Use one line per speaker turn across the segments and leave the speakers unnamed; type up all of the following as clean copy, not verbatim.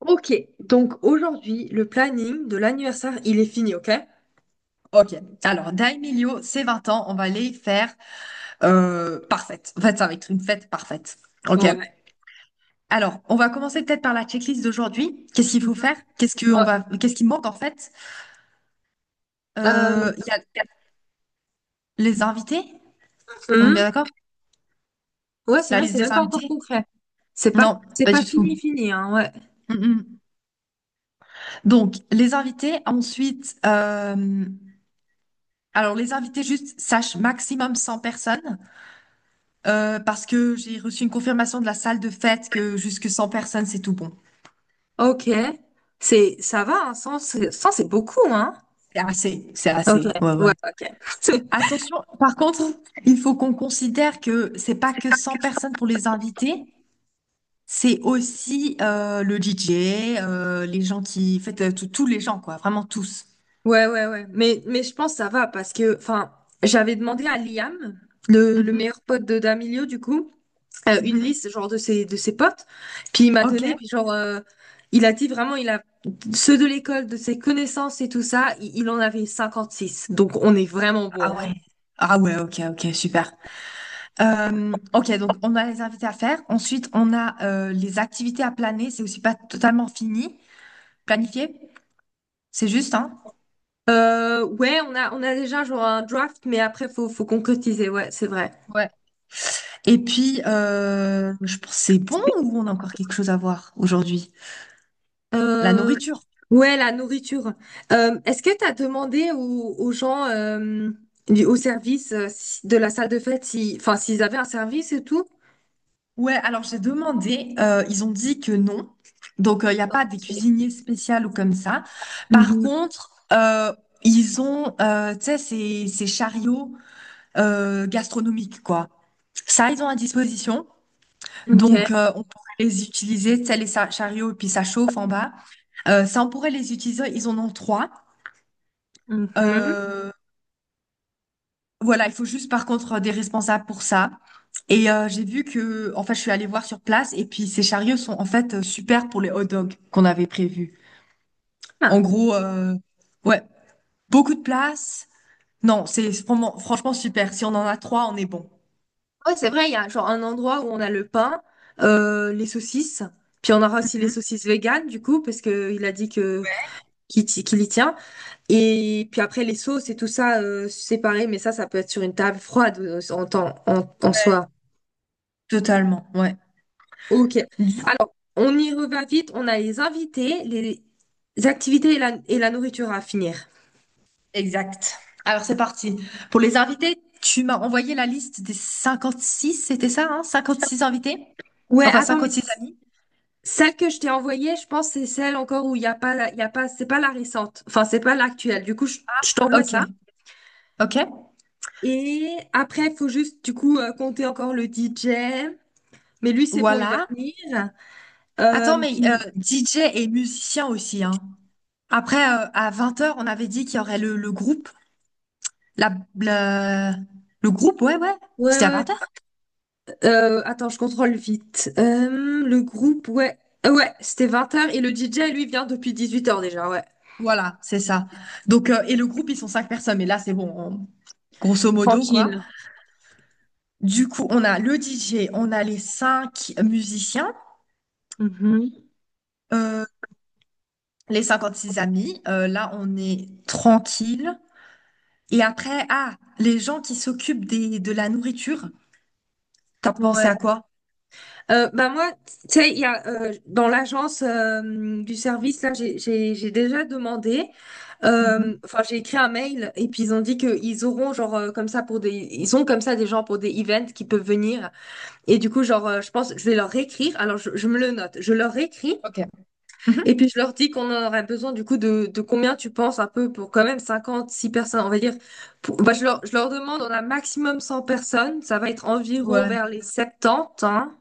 Ok, donc aujourd'hui, le planning de l'anniversaire, il est fini, ok?
Ok, alors Daimilio, c'est 20 ans, on va les faire parfaites. En fait, ça va être une fête parfaite. Ok.
Ouais.
Alors, on va commencer peut-être par la checklist d'aujourd'hui. Qu'est-ce qu'il faut
Mhm.
faire? Qu'est-ce que on
Ouais,
va, qu'est-ce qui manque en fait?
Euh,
Il y a les invités. On est
hum,
bien d'accord?
ouais, c'est
La
vrai,
liste
c'est
des
même pas encore
invités?
concret. C'est pas,
Non,
c'est
pas
pas
du tout.
fini, fini, hein, ouais.
Mm-mm. Donc, les invités. Ensuite, alors les invités juste sache maximum 100 personnes parce que j'ai reçu une confirmation de la salle de fête que jusque 100 personnes c'est tout bon.
Ok, ça va, hein, 100, c'est 100, c'est beaucoup, hein?
C'est assez, c'est
Ok,
assez. Ouais,
ouais,
ouais.
ok.
Attention, par contre, il faut qu'on considère que c'est pas que 100 personnes pour les invités, c'est aussi le DJ, les gens qui, en fait, tous les gens, quoi, vraiment tous.
Ouais, ouais, ouais. Mais je pense que ça va parce que, enfin, j'avais demandé à Liam, le
Mhm,
meilleur pote de Damilio, du coup. Une
mhm.
liste genre de ses potes, puis il m'a
Ok.
donné, puis genre il a dit vraiment il a ceux de l'école, de ses connaissances et tout ça, il en avait 56, donc on est vraiment
Ah
bon, hein.
ouais. Ah ouais, ok, ok, super. Ok, donc on a les invités à faire. Ensuite, on a les activités à planer. C'est aussi pas totalement fini, planifié. C'est juste, hein?
Ouais, on a déjà genre un draft, mais après faut concrétiser, ouais, c'est vrai.
Et puis, je pense c'est bon ou on a encore quelque chose à voir aujourd'hui? La
euh,
nourriture.
ouais la nourriture. Est-ce que t'as demandé aux gens, au service, de la salle de fête, si enfin s'ils avaient un service et tout.
Ouais, alors j'ai demandé, ils ont dit que non. Donc, il n'y a pas des
Ok.
cuisiniers spéciaux ou comme ça. Par
Mhm.
contre, ils ont, tu sais, ces chariots gastronomiques, quoi. Ça, ils ont à disposition.
Ok.
Donc, on pourrait les utiliser, tu sais, les chariots, et puis ça chauffe en bas. Ça, on pourrait les utiliser. Ils en ont trois. Euh, Voilà, il faut juste par contre des responsables pour ça. Et j'ai vu que, en fait, je suis allée voir sur place et puis ces chariots sont en fait super pour les hot dogs qu'on avait prévus. En
Mhm.
gros, ouais, beaucoup de place. Non, c'est franchement super. Si on en a trois, on est bon.
Ouais, c'est vrai, il y a genre un endroit où on a le pain, les saucisses, puis on aura aussi les
Mhm.
saucisses véganes, du coup, parce que il a dit qu'il y tient. Et puis après, les sauces et tout ça, séparé, mais ça peut être sur une table froide, en
Ouais,
soi.
totalement, ouais.
Ok.
Du.
Alors, on y revient vite. On a les invités, les activités et la nourriture à finir.
Exact. Alors c'est parti. Pour les invités, tu m'as envoyé la liste des 56, c'était ça, hein? Six invités?
Ouais,
Enfin,
attends, mais
56 amis.
celle que je t'ai envoyée, je pense que c'est celle encore où il y a pas, la- il y a pas, c'est pas la récente. Enfin, c'est pas l'actuelle. Du coup, je t'envoie
Ok,
ça.
ok.
Et après, il faut juste, du coup, compter encore le DJ. Mais lui, c'est bon, il va
Voilà.
venir.
Attends,
Euh,
mais
puis,
DJ et musicien aussi, hein. Après, à 20 heures on avait dit qu'il y aurait le groupe. La, la- Le groupe, ouais, ouais.
ouais,
C'était à
ouais,
vingt
ouais.
heures.
Attends, je contrôle vite. Le groupe, ouais. Ouais, c'était 20 heures. Et le DJ, lui, vient depuis 18 heures déjà, ouais.
Voilà, c'est ça. Donc, et le groupe, ils sont cinq personnes, mais là, c'est bon, grosso modo, quoi.
Tranquille.
Du coup, on a le DJ, on a les cinq musiciens,
Mhm.
euh, les six amis. Là, on est tranquille. Et après, ah, les gens qui s'occupent des, de la nourriture. T'as pensé
Ouais.
à quoi?
Bah moi, tu sais, il y a dans l'agence, du service là, j'ai déjà demandé.
Mhm.
Enfin, j'ai écrit un mail et puis ils ont dit qu'ils auront genre, comme ça pour ils ont comme ça des gens pour des events qui peuvent venir. Et du coup, genre, je pense que je vais leur écrire. Alors, je me le note. Je leur écris
Ok.
et
Mhm.
puis je leur dis qu'on en aurait besoin du coup de combien, tu penses un peu, pour quand même 56 personnes, on va dire. Bah, je leur demande, on a maximum 100 personnes. Ça va être environ
Ouais.
vers les 70, hein.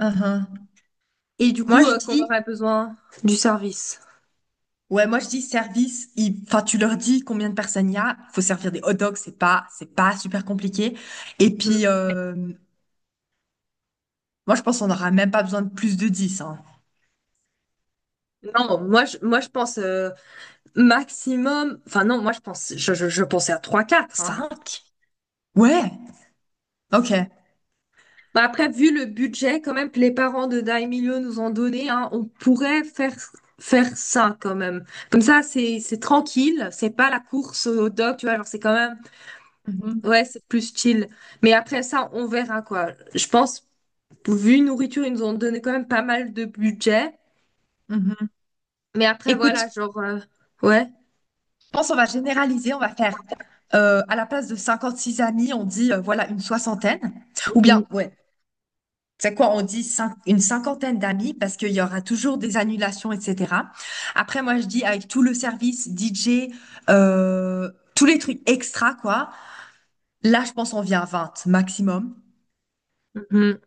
Uhum.
Et du
Moi,
coup,
je
qu'on
dis,
aurait besoin du service.
ouais, moi, je dis service. Enfin, tu leur dis combien de personnes il y a. Faut servir des hot dogs. C'est pas super compliqué. Et
Mhm.
puis, moi, je pense qu'on n'aura même pas besoin de plus de 10, hein.
Non, moi, je pense, maximum. Enfin, non, moi, je pense, je pensais à trois quatre. Hein.
5? Ouais. OK.
Bah, après, vu le budget, quand même, que les parents de Daimilio nous ont donné, hein, on pourrait faire ça quand même. Comme ça, c'est tranquille. C'est pas la course au doc, tu vois. Genre, c'est quand même.
Mhm,
Ouais, c'est plus chill. Mais après ça, on verra quoi. Je pense, vu nourriture, ils nous ont donné quand même pas mal de budget.
mhm.
Mais après,
Écoute, je
voilà, genre. Ouais.
pense qu'on va généraliser. On va faire, à la place de 56 amis, on dit, voilà, une soixantaine. Ou bien, ouais, c'est quoi, on dit une cinquantaine d'amis parce qu'il y aura toujours des annulations, etc. Après, moi, je dis avec tout le service, DJ, euh, tous les trucs extra, quoi. Là, je pense on vient à 20 maximum.
Mhm.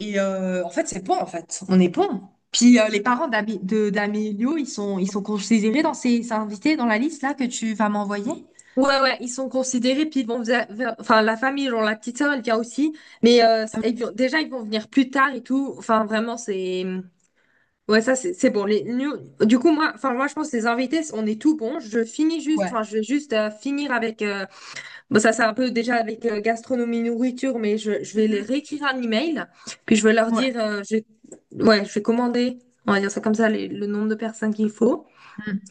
Et en fait, c'est bon, en fait. On est bon. Puis les parents d'Amélio, ils sont considérés dans ces invités, dans la liste là que tu vas m'envoyer?
Ouais, ouais, ils sont considérés, puis ils vont vers, enfin, la famille, genre la petite sœur, elle vient aussi, mais
Ça me-
déjà, ils vont venir plus tard et tout, enfin, vraiment, c'est, ouais, ça, c'est bon, du coup, moi, enfin, moi, je pense que les invités, on est tout bon, je finis juste,
Ouais.
enfin, je vais juste finir avec, bon, ça, c'est un peu déjà avec gastronomie, nourriture, mais je vais les
Mhm.
réécrire un email, puis je vais leur
Ouais.
dire, ouais, je vais commander, on va dire ça comme ça, le nombre de personnes qu'il faut.
Mm.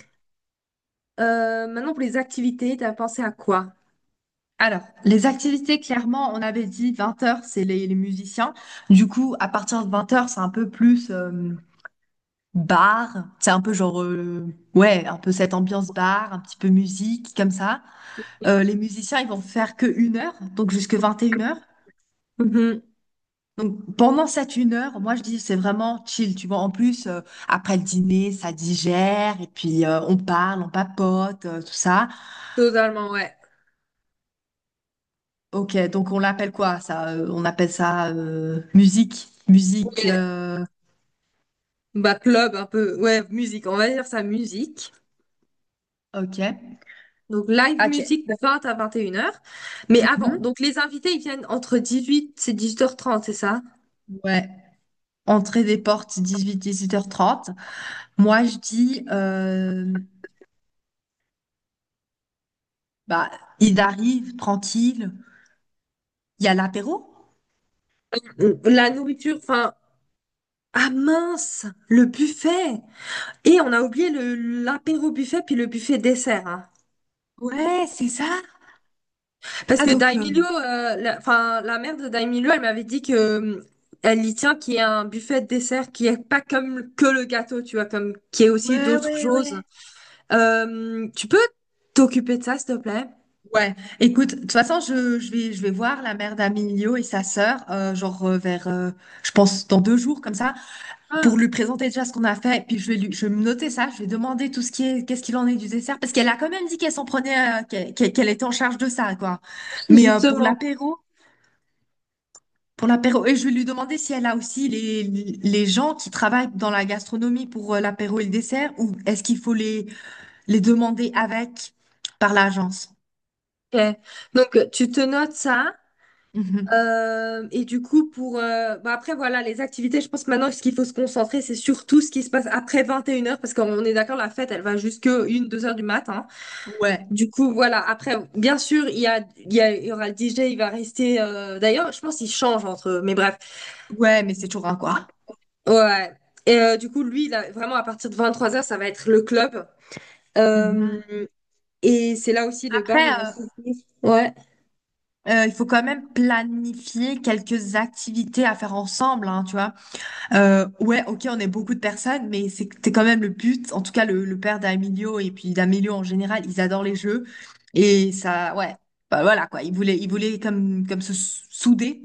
Maintenant, pour les activités, t'as pensé à quoi?
Alors, les activités, clairement, on avait dit 20 heures, c'est les musiciens. Du coup, à partir de 20 heures, c'est un peu plus bar. C'est un peu genre, ouais, un peu cette ambiance bar, un petit peu musique, comme ça. Les musiciens, ils vont faire que une heure, donc jusque 21 heures.
Mhm.
Donc pendant cette une heure, moi je dis c'est vraiment chill, tu vois. En plus, après le dîner, ça digère, et puis on parle, on papote, tout ça.
Totalement, ouais.
Ok, donc on l'appelle quoi ça? On appelle ça musique. Musique.
Ouais. Bah, club un peu, ouais, musique, on va dire ça, musique.
Ok.
Donc, live
Ok.
musique de 20 à 21 heures. Mais avant,
Mhm.
donc les invités, ils viennent entre 18 et 18h30, c'est ça?
Ouais. Entrée des portes 18-18h30. Moi, je dis, bah, il arrive tranquille. Il y a l'apéro?
Mm. La nourriture, enfin, ah mince, le buffet! Et on a oublié le l'apéro buffet, puis le buffet dessert, hein.
Ouais, c'est ça.
Parce
Ah,
que
donc,
Daimilio, enfin, la mère de Daimilio, elle m'avait dit que, elle y tient qu'il y a un buffet de dessert qui est pas comme que le gâteau, tu vois, comme qui est aussi
ouais,
d'autres
ouais,
choses.
ouais.
Tu peux t'occuper de ça, s'il te plaît?
Ouais, écoute, de toute façon, je vais voir la mère d'Amilio et sa sœur, genre vers, je pense, dans 2 jours, comme ça. Pour
Ah,
lui présenter déjà ce qu'on a fait. Puis je vais lui, je vais me noter ça, je vais demander tout ce qui est, qu'est-ce qu'il en est du dessert, parce qu'elle a quand même dit qu'elle s'en prenait, qu'elle était en charge de ça, quoi. Mais pour
justement.
l'apéro, pour l'apéro, et je vais lui demander si elle a aussi les gens qui travaillent dans la gastronomie pour l'apéro et le dessert, ou est-ce qu'il faut les demander avec par l'agence?
Ok. Donc tu te notes ça.
Mhm.
Et du coup, pour, bah, après voilà les activités, je pense que maintenant ce qu'il faut se concentrer, c'est surtout ce qui se passe après 21h, parce qu'on est d'accord, la fête, elle va jusque une deux heures du matin.
Ouais,
Du coup, voilà. Après, bien sûr, il y a, il y a, il y aura le DJ, il va rester. D'ailleurs, je pense qu'il change entre eux, mais bref.
ouais, mais c'est toujours un quoi.
Ouais. Et, du coup, lui, là, vraiment, à partir de 23 heures, ça va être le club. Euh,
Mhm.
et c'est là aussi le bar,
Après,
il va s'ouvrir. Ouais.
il faut quand même planifier quelques activités à faire ensemble, hein, tu vois. Ouais, ok, on est beaucoup de personnes, mais c'était quand même le but. En tout cas, le père d'Amilio et puis d'Amilio en général, ils adorent les jeux. Et ça, ouais, bah voilà quoi. Ils voulaient comme se souder.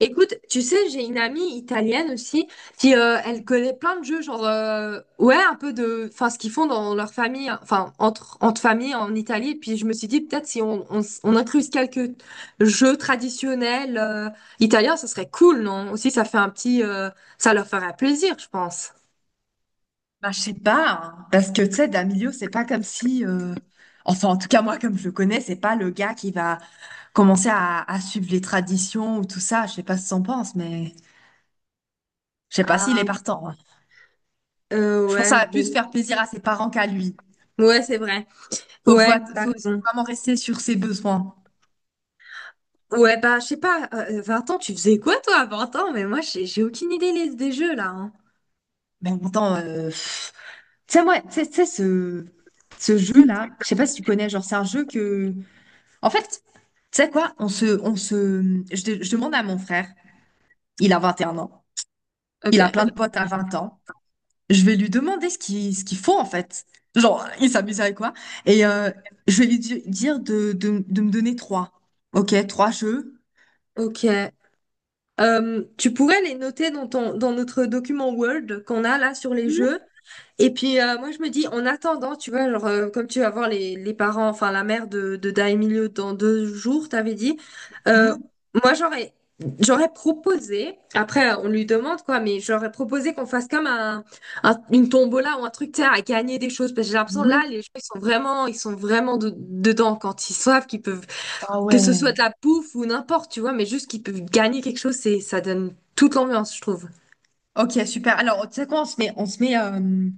Écoute, tu sais, j'ai une amie italienne aussi qui, elle connaît plein de jeux, genre, ouais, un peu de, enfin, ce qu'ils font dans leur famille, hein, enfin entre familles en Italie, puis je me suis dit peut-être si on incluse quelques jeux traditionnels, italiens, ça serait cool, non? Aussi ça fait un petit, ça leur ferait plaisir, je pense.
Bah, je sais pas, hein, parce que tu sais, d'Amilio, c'est pas comme si. Enfin, en tout cas, moi, comme je le connais, c'est pas le gars qui va commencer à suivre les traditions ou tout ça. Je sais pas ce que t'en penses, mais je sais pas s'il est
Ah,
partant, hein. Je pense que
ouais,
ça va plus
bon,
faire plaisir à ses parents qu'à lui.
ouais, c'est vrai,
Faut, faut,
ouais, t'as
faut
raison.
vraiment rester sur ses besoins.
Ouais, bah, je sais pas, 20 ans, tu faisais quoi toi à 20 ans? Mais moi, j'ai aucune idée des jeux là, hein.
Mais en même temps, pff, tu sais, moi, tu sais, ce jeu-là, je sais pas si tu connais, genre, c'est un jeu que. En fait, tu sais quoi, on se. Je demande à mon frère, il a 21 ans, il a plein
Ok.
de potes à 20 ans, je vais lui demander ce qu'il faut, en fait. Genre, il s'amuse avec quoi? Et je vais lui dire de me donner trois. Ok, trois jeux.
Ok. Tu pourrais les noter dans dans notre document Word qu'on a là sur les jeux. Et puis, moi je me dis, en attendant, tu vois, genre, comme tu vas voir les parents, enfin la mère de Daemilio dans 2 jours, t'avais dit, euh,
Mhm.
moi j'aurais proposé, après, on lui demande quoi, mais j'aurais proposé qu'on fasse comme un, une tombola ou un truc, tu sais, à gagner des choses, parce que j'ai l'impression
Hmm,
là
ouais.
les gens, ils sont vraiment dedans quand ils savent qu'ils peuvent,
Ah
que ce soit de
ouais.
la pouffe ou n'importe, tu vois, mais juste qu'ils peuvent gagner quelque chose, ça donne toute l'ambiance, je trouve.
Ok, super. Alors, tu sais quoi, on se met,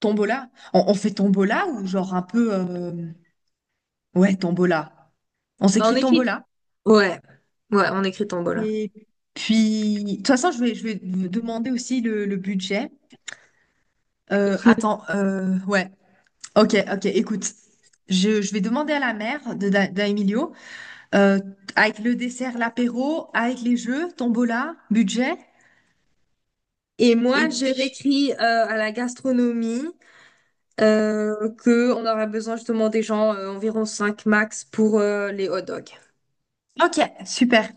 Tombola? On fait Tombola ou genre un peu. Ouais, Tombola. On
En
s'écrit
écrit,
Tombola.
ouais, ouais, en écrit tombola.
Et puis, de toute façon, je vais vous demander aussi le budget. Attends, ouais. Ok, ok, écoute. Je vais demander à la mère d'Emilio, euh, avec le dessert, l'apéro, avec les jeux, Tombola, budget.
Et moi,
Et
j'ai
puis,
réécrit, à la gastronomie, que on aurait besoin justement des gens, environ 5 max pour, les hot dogs.
ok, super.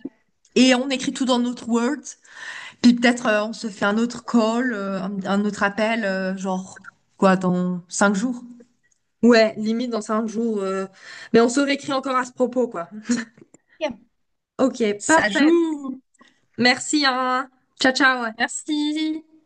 Et on écrit tout dans notre Word. Puis peut-être on se fait un autre call, un autre appel, genre quoi, dans 5 jours.
Ouais, limite dans 5 jours. Mais on se réécrit encore à ce propos, quoi.
Ok.
Ok,
Ça
parfait.
joue.
Merci, hein. Ciao, ciao.
Merci.